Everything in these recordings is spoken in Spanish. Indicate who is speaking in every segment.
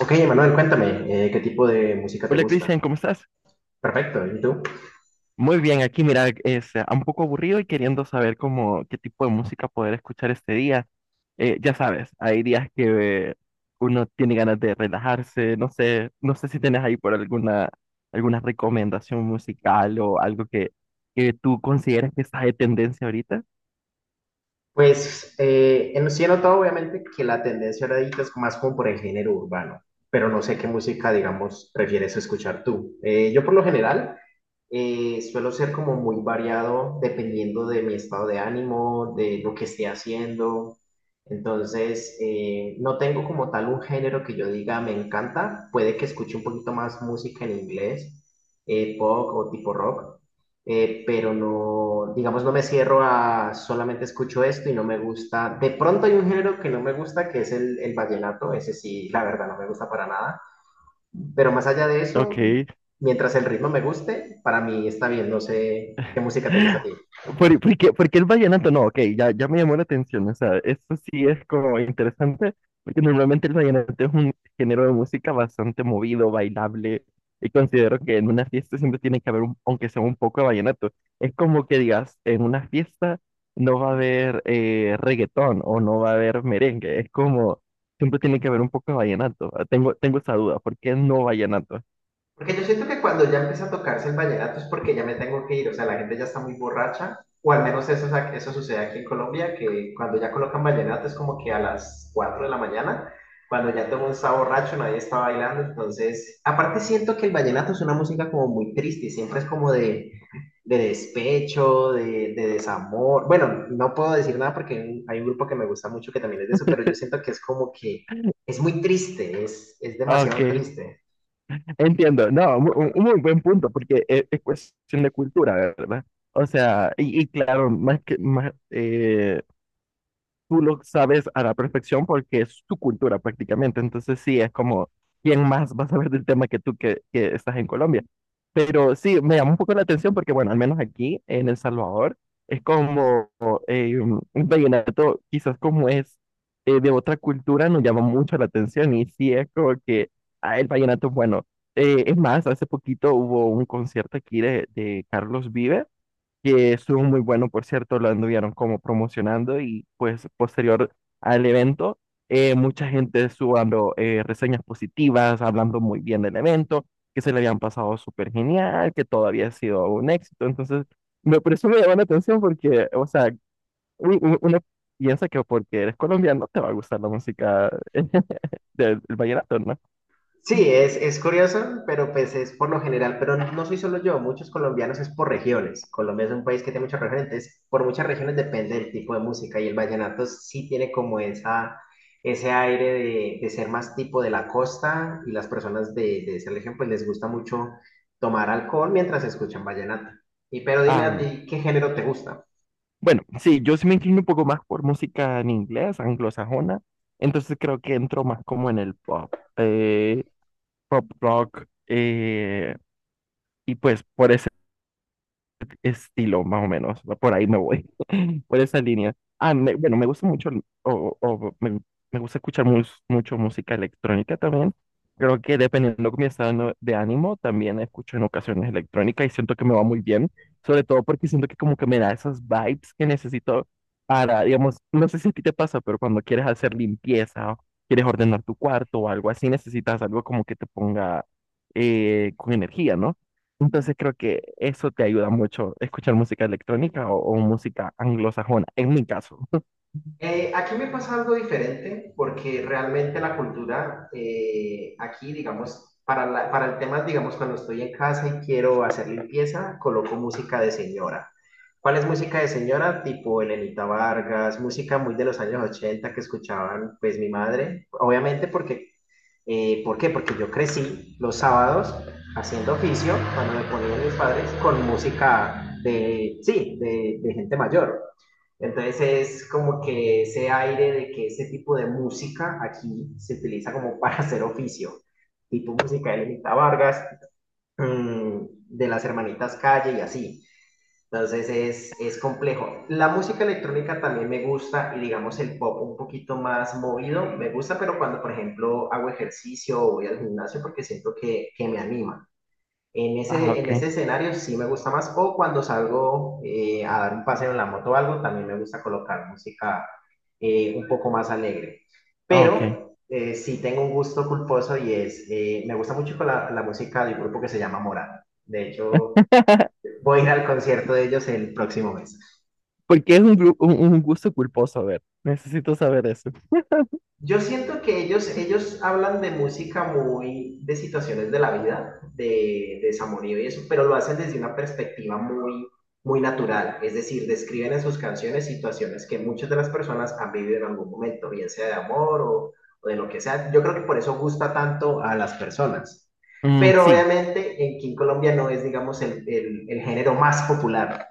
Speaker 1: Ok, Manuel, cuéntame, ¿qué tipo de música te
Speaker 2: Hola
Speaker 1: gusta?
Speaker 2: Cristian, ¿cómo estás?
Speaker 1: Perfecto, ¿y tú?
Speaker 2: Muy bien, aquí mira, es un poco aburrido y queriendo saber cómo, qué tipo de música poder escuchar este día. Ya sabes, hay días que uno tiene ganas de relajarse, no sé, no sé si tienes ahí por alguna, alguna recomendación musical o algo que tú consideras que está de tendencia ahorita.
Speaker 1: Pues sí he notado obviamente que la tendencia ahorita es más como por el género urbano, pero no sé qué música, digamos, prefieres escuchar tú. Yo por lo general Suelo ser como muy variado dependiendo de mi estado de ánimo, de lo que esté haciendo. Entonces, no tengo como tal un género que yo diga me encanta. Puede que escuche un poquito más música en inglés, pop o tipo rock, pero no, digamos, no me cierro a solamente escucho esto y no me gusta. De pronto hay un género que no me gusta, que es el vallenato. Ese sí, la verdad, no me gusta para nada. Pero más allá de
Speaker 2: Ok.
Speaker 1: eso, mientras el ritmo me guste, para mí está bien. No sé qué música te gusta a ti.
Speaker 2: ¿Porque el vallenato? No, ok, ya me llamó la atención. O sea, esto sí es como interesante, porque normalmente el vallenato es un género de música bastante movido, bailable, y considero que en una fiesta siempre tiene que haber, aunque sea un poco de vallenato. Es como que digas, en una fiesta no va a haber reggaetón o no va a haber merengue. Es como, siempre tiene que haber un poco de vallenato. Ah, tengo esa duda, ¿por qué no vallenato?
Speaker 1: Porque yo siento que cuando ya empieza a tocarse el vallenato es porque ya me tengo que ir. O sea, la gente ya está muy borracha. O al menos eso, eso sucede aquí en Colombia, que cuando ya colocan vallenato es como que a las 4 de la mañana, cuando ya todo el mundo está borracho, nadie está bailando. Entonces, aparte siento que el vallenato es una música como muy triste. Siempre es como de despecho, de desamor. Bueno, no puedo decir nada porque hay un grupo que me gusta mucho que también es de eso, pero yo siento que es como que es muy triste, es
Speaker 2: Ah,
Speaker 1: demasiado
Speaker 2: ok,
Speaker 1: triste.
Speaker 2: entiendo. No, un muy buen punto, porque es cuestión de cultura, ¿verdad? O sea, y claro, más que más, tú lo sabes a la perfección porque es tu cultura prácticamente. Entonces sí, es como, ¿quién más va a saber del tema que tú que estás en Colombia? Pero sí, me llama un poco la atención porque, bueno, al menos aquí en El Salvador es como un vallenato, quizás como es de otra cultura, nos llama mucho la atención y sí es como que ah, el vallenato es bueno. Es más, hace poquito hubo un concierto aquí de Carlos Vives que estuvo muy bueno, por cierto, lo anduvieron como promocionando y pues posterior al evento, mucha gente estuvo dando reseñas positivas, hablando muy bien del evento, que se le habían pasado súper genial, que todo había sido un éxito. Entonces, por eso me llamó la atención porque, o sea, uno piensa que porque eres colombiano te va a gustar la música del vallenato, ¿no?
Speaker 1: Sí, es curioso, pero pues es por lo general, pero no soy solo yo, muchos colombianos es por regiones. Colombia es un país que tiene muchas regiones, entonces por muchas regiones depende del tipo de música y el vallenato sí tiene como ese aire de ser más tipo de la costa y las personas de esa región pues les gusta mucho tomar alcohol mientras escuchan vallenato. Y pero dime a
Speaker 2: Ah,
Speaker 1: ti, ¿qué género te gusta?
Speaker 2: bueno, sí, yo sí me inclino un poco más por música en inglés, anglosajona, entonces creo que entro más como en el pop, pop rock, y pues por estilo, más o menos. Por ahí me voy, por esa línea. Ah, bueno, me gusta mucho, me gusta escuchar mucho música electrónica también. Creo que dependiendo de mi estado de ánimo, también escucho en ocasiones electrónica y siento que me va muy bien, sobre todo porque siento que como que me da esas vibes que necesito para, digamos, no sé si a ti te pasa, pero cuando quieres hacer limpieza o quieres ordenar tu cuarto o algo así, necesitas algo como que te ponga con energía, ¿no? Entonces creo que eso te ayuda mucho, escuchar música electrónica o música anglosajona, en mi caso.
Speaker 1: Aquí me pasa algo diferente porque realmente la cultura aquí, digamos, para el tema, digamos, cuando estoy en casa y quiero hacer limpieza, coloco música de señora. ¿Cuál es música de señora? Tipo Elenita Vargas, música muy de los años 80 que escuchaban pues mi madre, obviamente porque ¿por qué? Porque yo crecí los sábados haciendo oficio, cuando me ponían mis padres, con música de, sí, de gente mayor. Entonces es como que ese aire de que ese tipo de música aquí se utiliza como para hacer oficio, tipo música de Lenita Vargas, mmm, de las hermanitas Calle y así. Entonces es complejo. La música electrónica también me gusta y digamos el pop un poquito más movido me gusta, pero cuando por ejemplo hago ejercicio o voy al gimnasio porque siento que me anima.
Speaker 2: Ah,
Speaker 1: En
Speaker 2: ok,
Speaker 1: ese escenario sí me gusta más o cuando salgo a dar un paseo en la moto o algo, también me gusta colocar música un poco más alegre.
Speaker 2: ah, ok.
Speaker 1: Pero sí tengo un gusto culposo y me gusta mucho la música del grupo que se llama Morat. De hecho, voy a ir al concierto de ellos el próximo mes.
Speaker 2: Porque es un, un gusto culposo, a ver, necesito saber eso.
Speaker 1: Yo siento que ellos hablan de música muy, de situaciones de la vida, de desamorío y eso, pero lo hacen desde una perspectiva muy, muy natural. Es decir, describen en sus canciones situaciones que muchas de las personas han vivido en algún momento, bien sea de amor o de lo que sea. Yo creo que por eso gusta tanto a las personas.
Speaker 2: Mm,
Speaker 1: Pero
Speaker 2: sí.
Speaker 1: obviamente aquí en Colombia no es, digamos, el género más popular.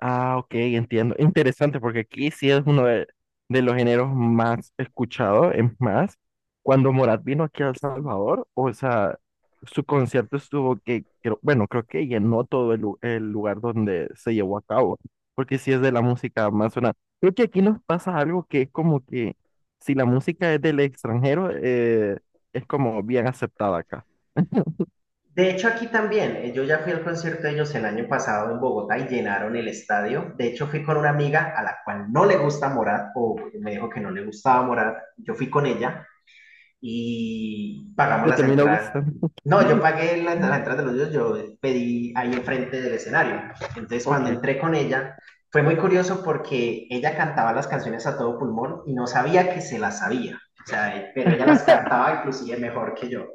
Speaker 2: Ah, ok, entiendo. Interesante, porque aquí sí es uno de los géneros más escuchados. Es más, cuando Morat vino aquí a El Salvador, o sea, su concierto estuvo que, bueno, creo que llenó todo el lugar donde se llevó a cabo, porque sí es de la música más sonada. Creo que aquí nos pasa algo que es como que si la música es del extranjero, es como bien aceptada acá.
Speaker 1: De hecho, aquí también, yo ya fui al concierto de ellos el año pasado en Bogotá y llenaron el estadio. De hecho, fui con una amiga a la cual no le gusta Morat, o me dijo que no le gustaba Morat. Yo fui con ella y pagamos
Speaker 2: Le
Speaker 1: las
Speaker 2: terminó
Speaker 1: entradas.
Speaker 2: gustando.
Speaker 1: No, yo pagué las
Speaker 2: Mm.
Speaker 1: entradas de los dos, yo pedí ahí enfrente del escenario. Entonces, cuando
Speaker 2: Ok.
Speaker 1: entré con ella, fue muy curioso porque ella cantaba las canciones a todo pulmón y no sabía que se las sabía. O sea, pero ella las cantaba inclusive mejor que yo.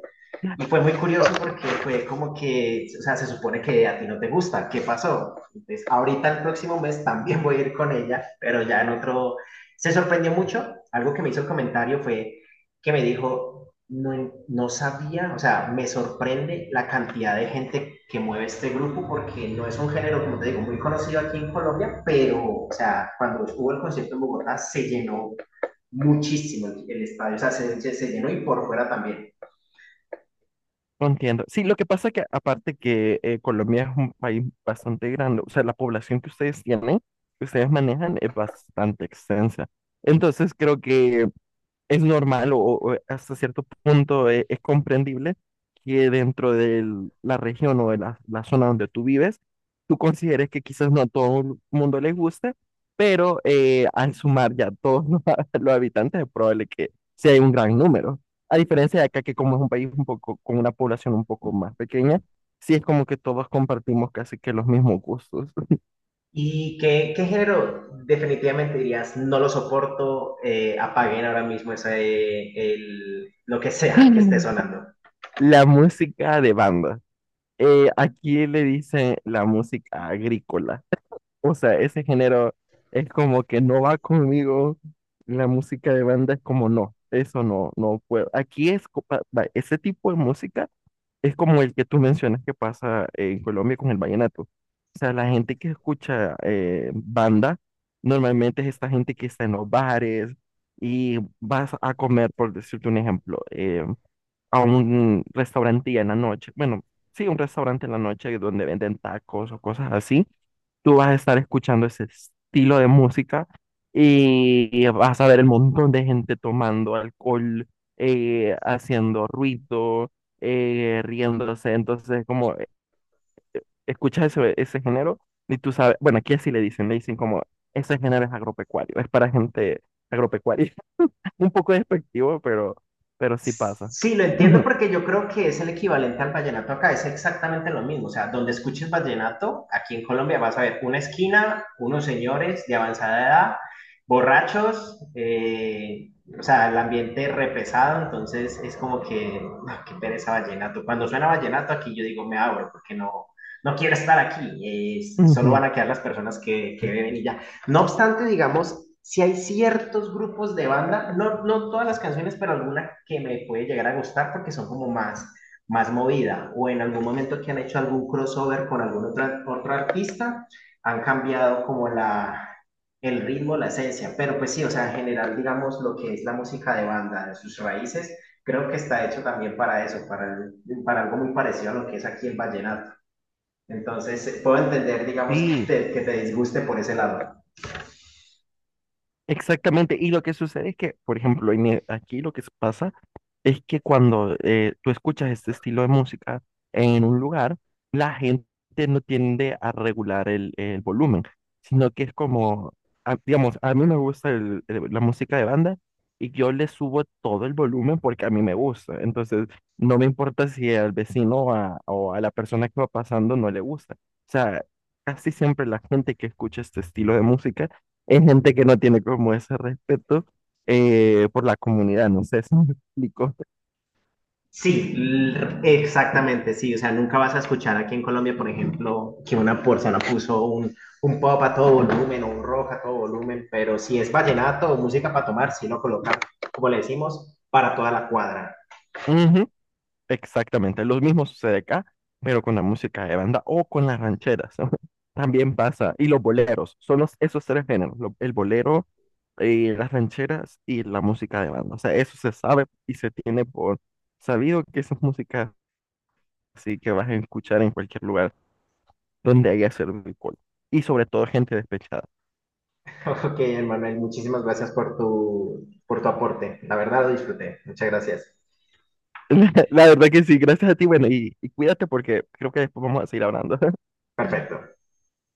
Speaker 1: Y fue muy curioso porque fue como que, o sea, se supone que a ti no te gusta, ¿qué pasó? Entonces, ahorita el próximo mes también voy a ir con ella, pero ya en otro... Se sorprendió mucho, algo que me hizo el comentario fue que me dijo, no, no sabía, o sea, me sorprende la cantidad de gente que mueve este grupo porque no es un género, como te digo, muy conocido aquí en Colombia, pero, o sea, cuando hubo el concierto en Bogotá se llenó muchísimo el estadio, o sea, se llenó y por fuera también.
Speaker 2: Entiendo. Sí, lo que pasa es que aparte que Colombia es un país bastante grande, o sea, la población que ustedes tienen, que ustedes manejan es bastante extensa. Entonces creo que es normal o hasta cierto punto es, comprendible que dentro de la región o de la zona donde tú vives, tú consideres que quizás no a todo el mundo le guste, pero al sumar ya todos los, los habitantes es probable que sea un gran número. A diferencia de acá, que como es un país un poco con una población un poco más pequeña, sí es como que todos compartimos casi que los mismos gustos.
Speaker 1: ¿Y qué género definitivamente dirías, no lo soporto, apaguen ahora mismo ese, el, lo que sea que esté sonando?
Speaker 2: La música de banda. Aquí le dicen la música agrícola. O sea, ese género es como que no va conmigo. La música de banda es como no, eso no, no puedo. Aquí es, va, ese tipo de música es como el que tú mencionas que pasa en Colombia con el vallenato. O sea, la gente que escucha banda normalmente es esta gente que está en los bares y vas a comer, por decirte un ejemplo, a un restaurante en la noche. Bueno, sí, un restaurante en la noche donde venden tacos o cosas así tú vas a estar escuchando ese estilo de música y, vas a ver el montón de gente tomando alcohol, haciendo ruido, riéndose. Entonces, como escuchas ese género y tú sabes, bueno, aquí así le dicen como, ese género es agropecuario, es para gente agropecuaria. Un poco despectivo, pero sí pasa.
Speaker 1: Sí, lo entiendo
Speaker 2: Ujú,
Speaker 1: porque yo creo que es el equivalente al vallenato acá, es exactamente lo mismo. O sea, donde escuches vallenato, aquí en Colombia vas a ver una esquina, unos señores de avanzada edad, borrachos, o sea, el ambiente repesado, entonces es como que, ah, qué pereza vallenato. Cuando suena vallenato aquí yo digo, me abro porque no quiero estar aquí, solo
Speaker 2: ujú.
Speaker 1: van a quedar las personas que beben y ya. No obstante, digamos, si hay ciertos grupos de banda, no, no todas las canciones, pero alguna que me puede llegar a gustar porque son como más, más movida o en algún momento que han hecho algún crossover con algún otro artista, han cambiado como el ritmo, la esencia, pero pues sí, o sea, en general, digamos, lo que es la música de banda, de sus raíces, creo que está hecho también para eso, para algo muy parecido a lo que es aquí el vallenato. Entonces, puedo entender, digamos,
Speaker 2: Sí,
Speaker 1: que te disguste por ese lado.
Speaker 2: exactamente. Y lo que sucede es que, por ejemplo, aquí lo que pasa es que cuando tú escuchas este estilo de música en un lugar, la gente no tiende a regular el volumen, sino que es como, digamos, a mí me gusta la música de banda y yo le subo todo el volumen porque a mí me gusta. Entonces, no me importa si al vecino o a la persona que va pasando no le gusta. O sea, casi siempre la gente que escucha este estilo de música es gente que no tiene como ese respeto por la comunidad, no sé si me explico.
Speaker 1: Sí, exactamente, sí. O sea, nunca vas a escuchar aquí en Colombia, por ejemplo, que una persona puso un pop a todo volumen o un rock a todo volumen, pero si es vallenato o música para tomar, sí lo colocan, como le decimos, para toda la cuadra.
Speaker 2: Ujú, exactamente, lo mismo sucede acá, pero con la música de banda o con las rancheras. También pasa. Y los boleros, son esos tres géneros, el bolero, las rancheras y la música de banda. O sea, eso se sabe y se tiene por sabido que esa es música así que vas a escuchar en cualquier lugar donde haya servido alcohol. Y sobre todo gente despechada.
Speaker 1: Ok, Manuel, muchísimas gracias por tu aporte. La verdad lo disfruté. Muchas gracias.
Speaker 2: La verdad que sí, gracias a ti, bueno, y cuídate porque creo que después vamos a seguir hablando.
Speaker 1: Perfecto.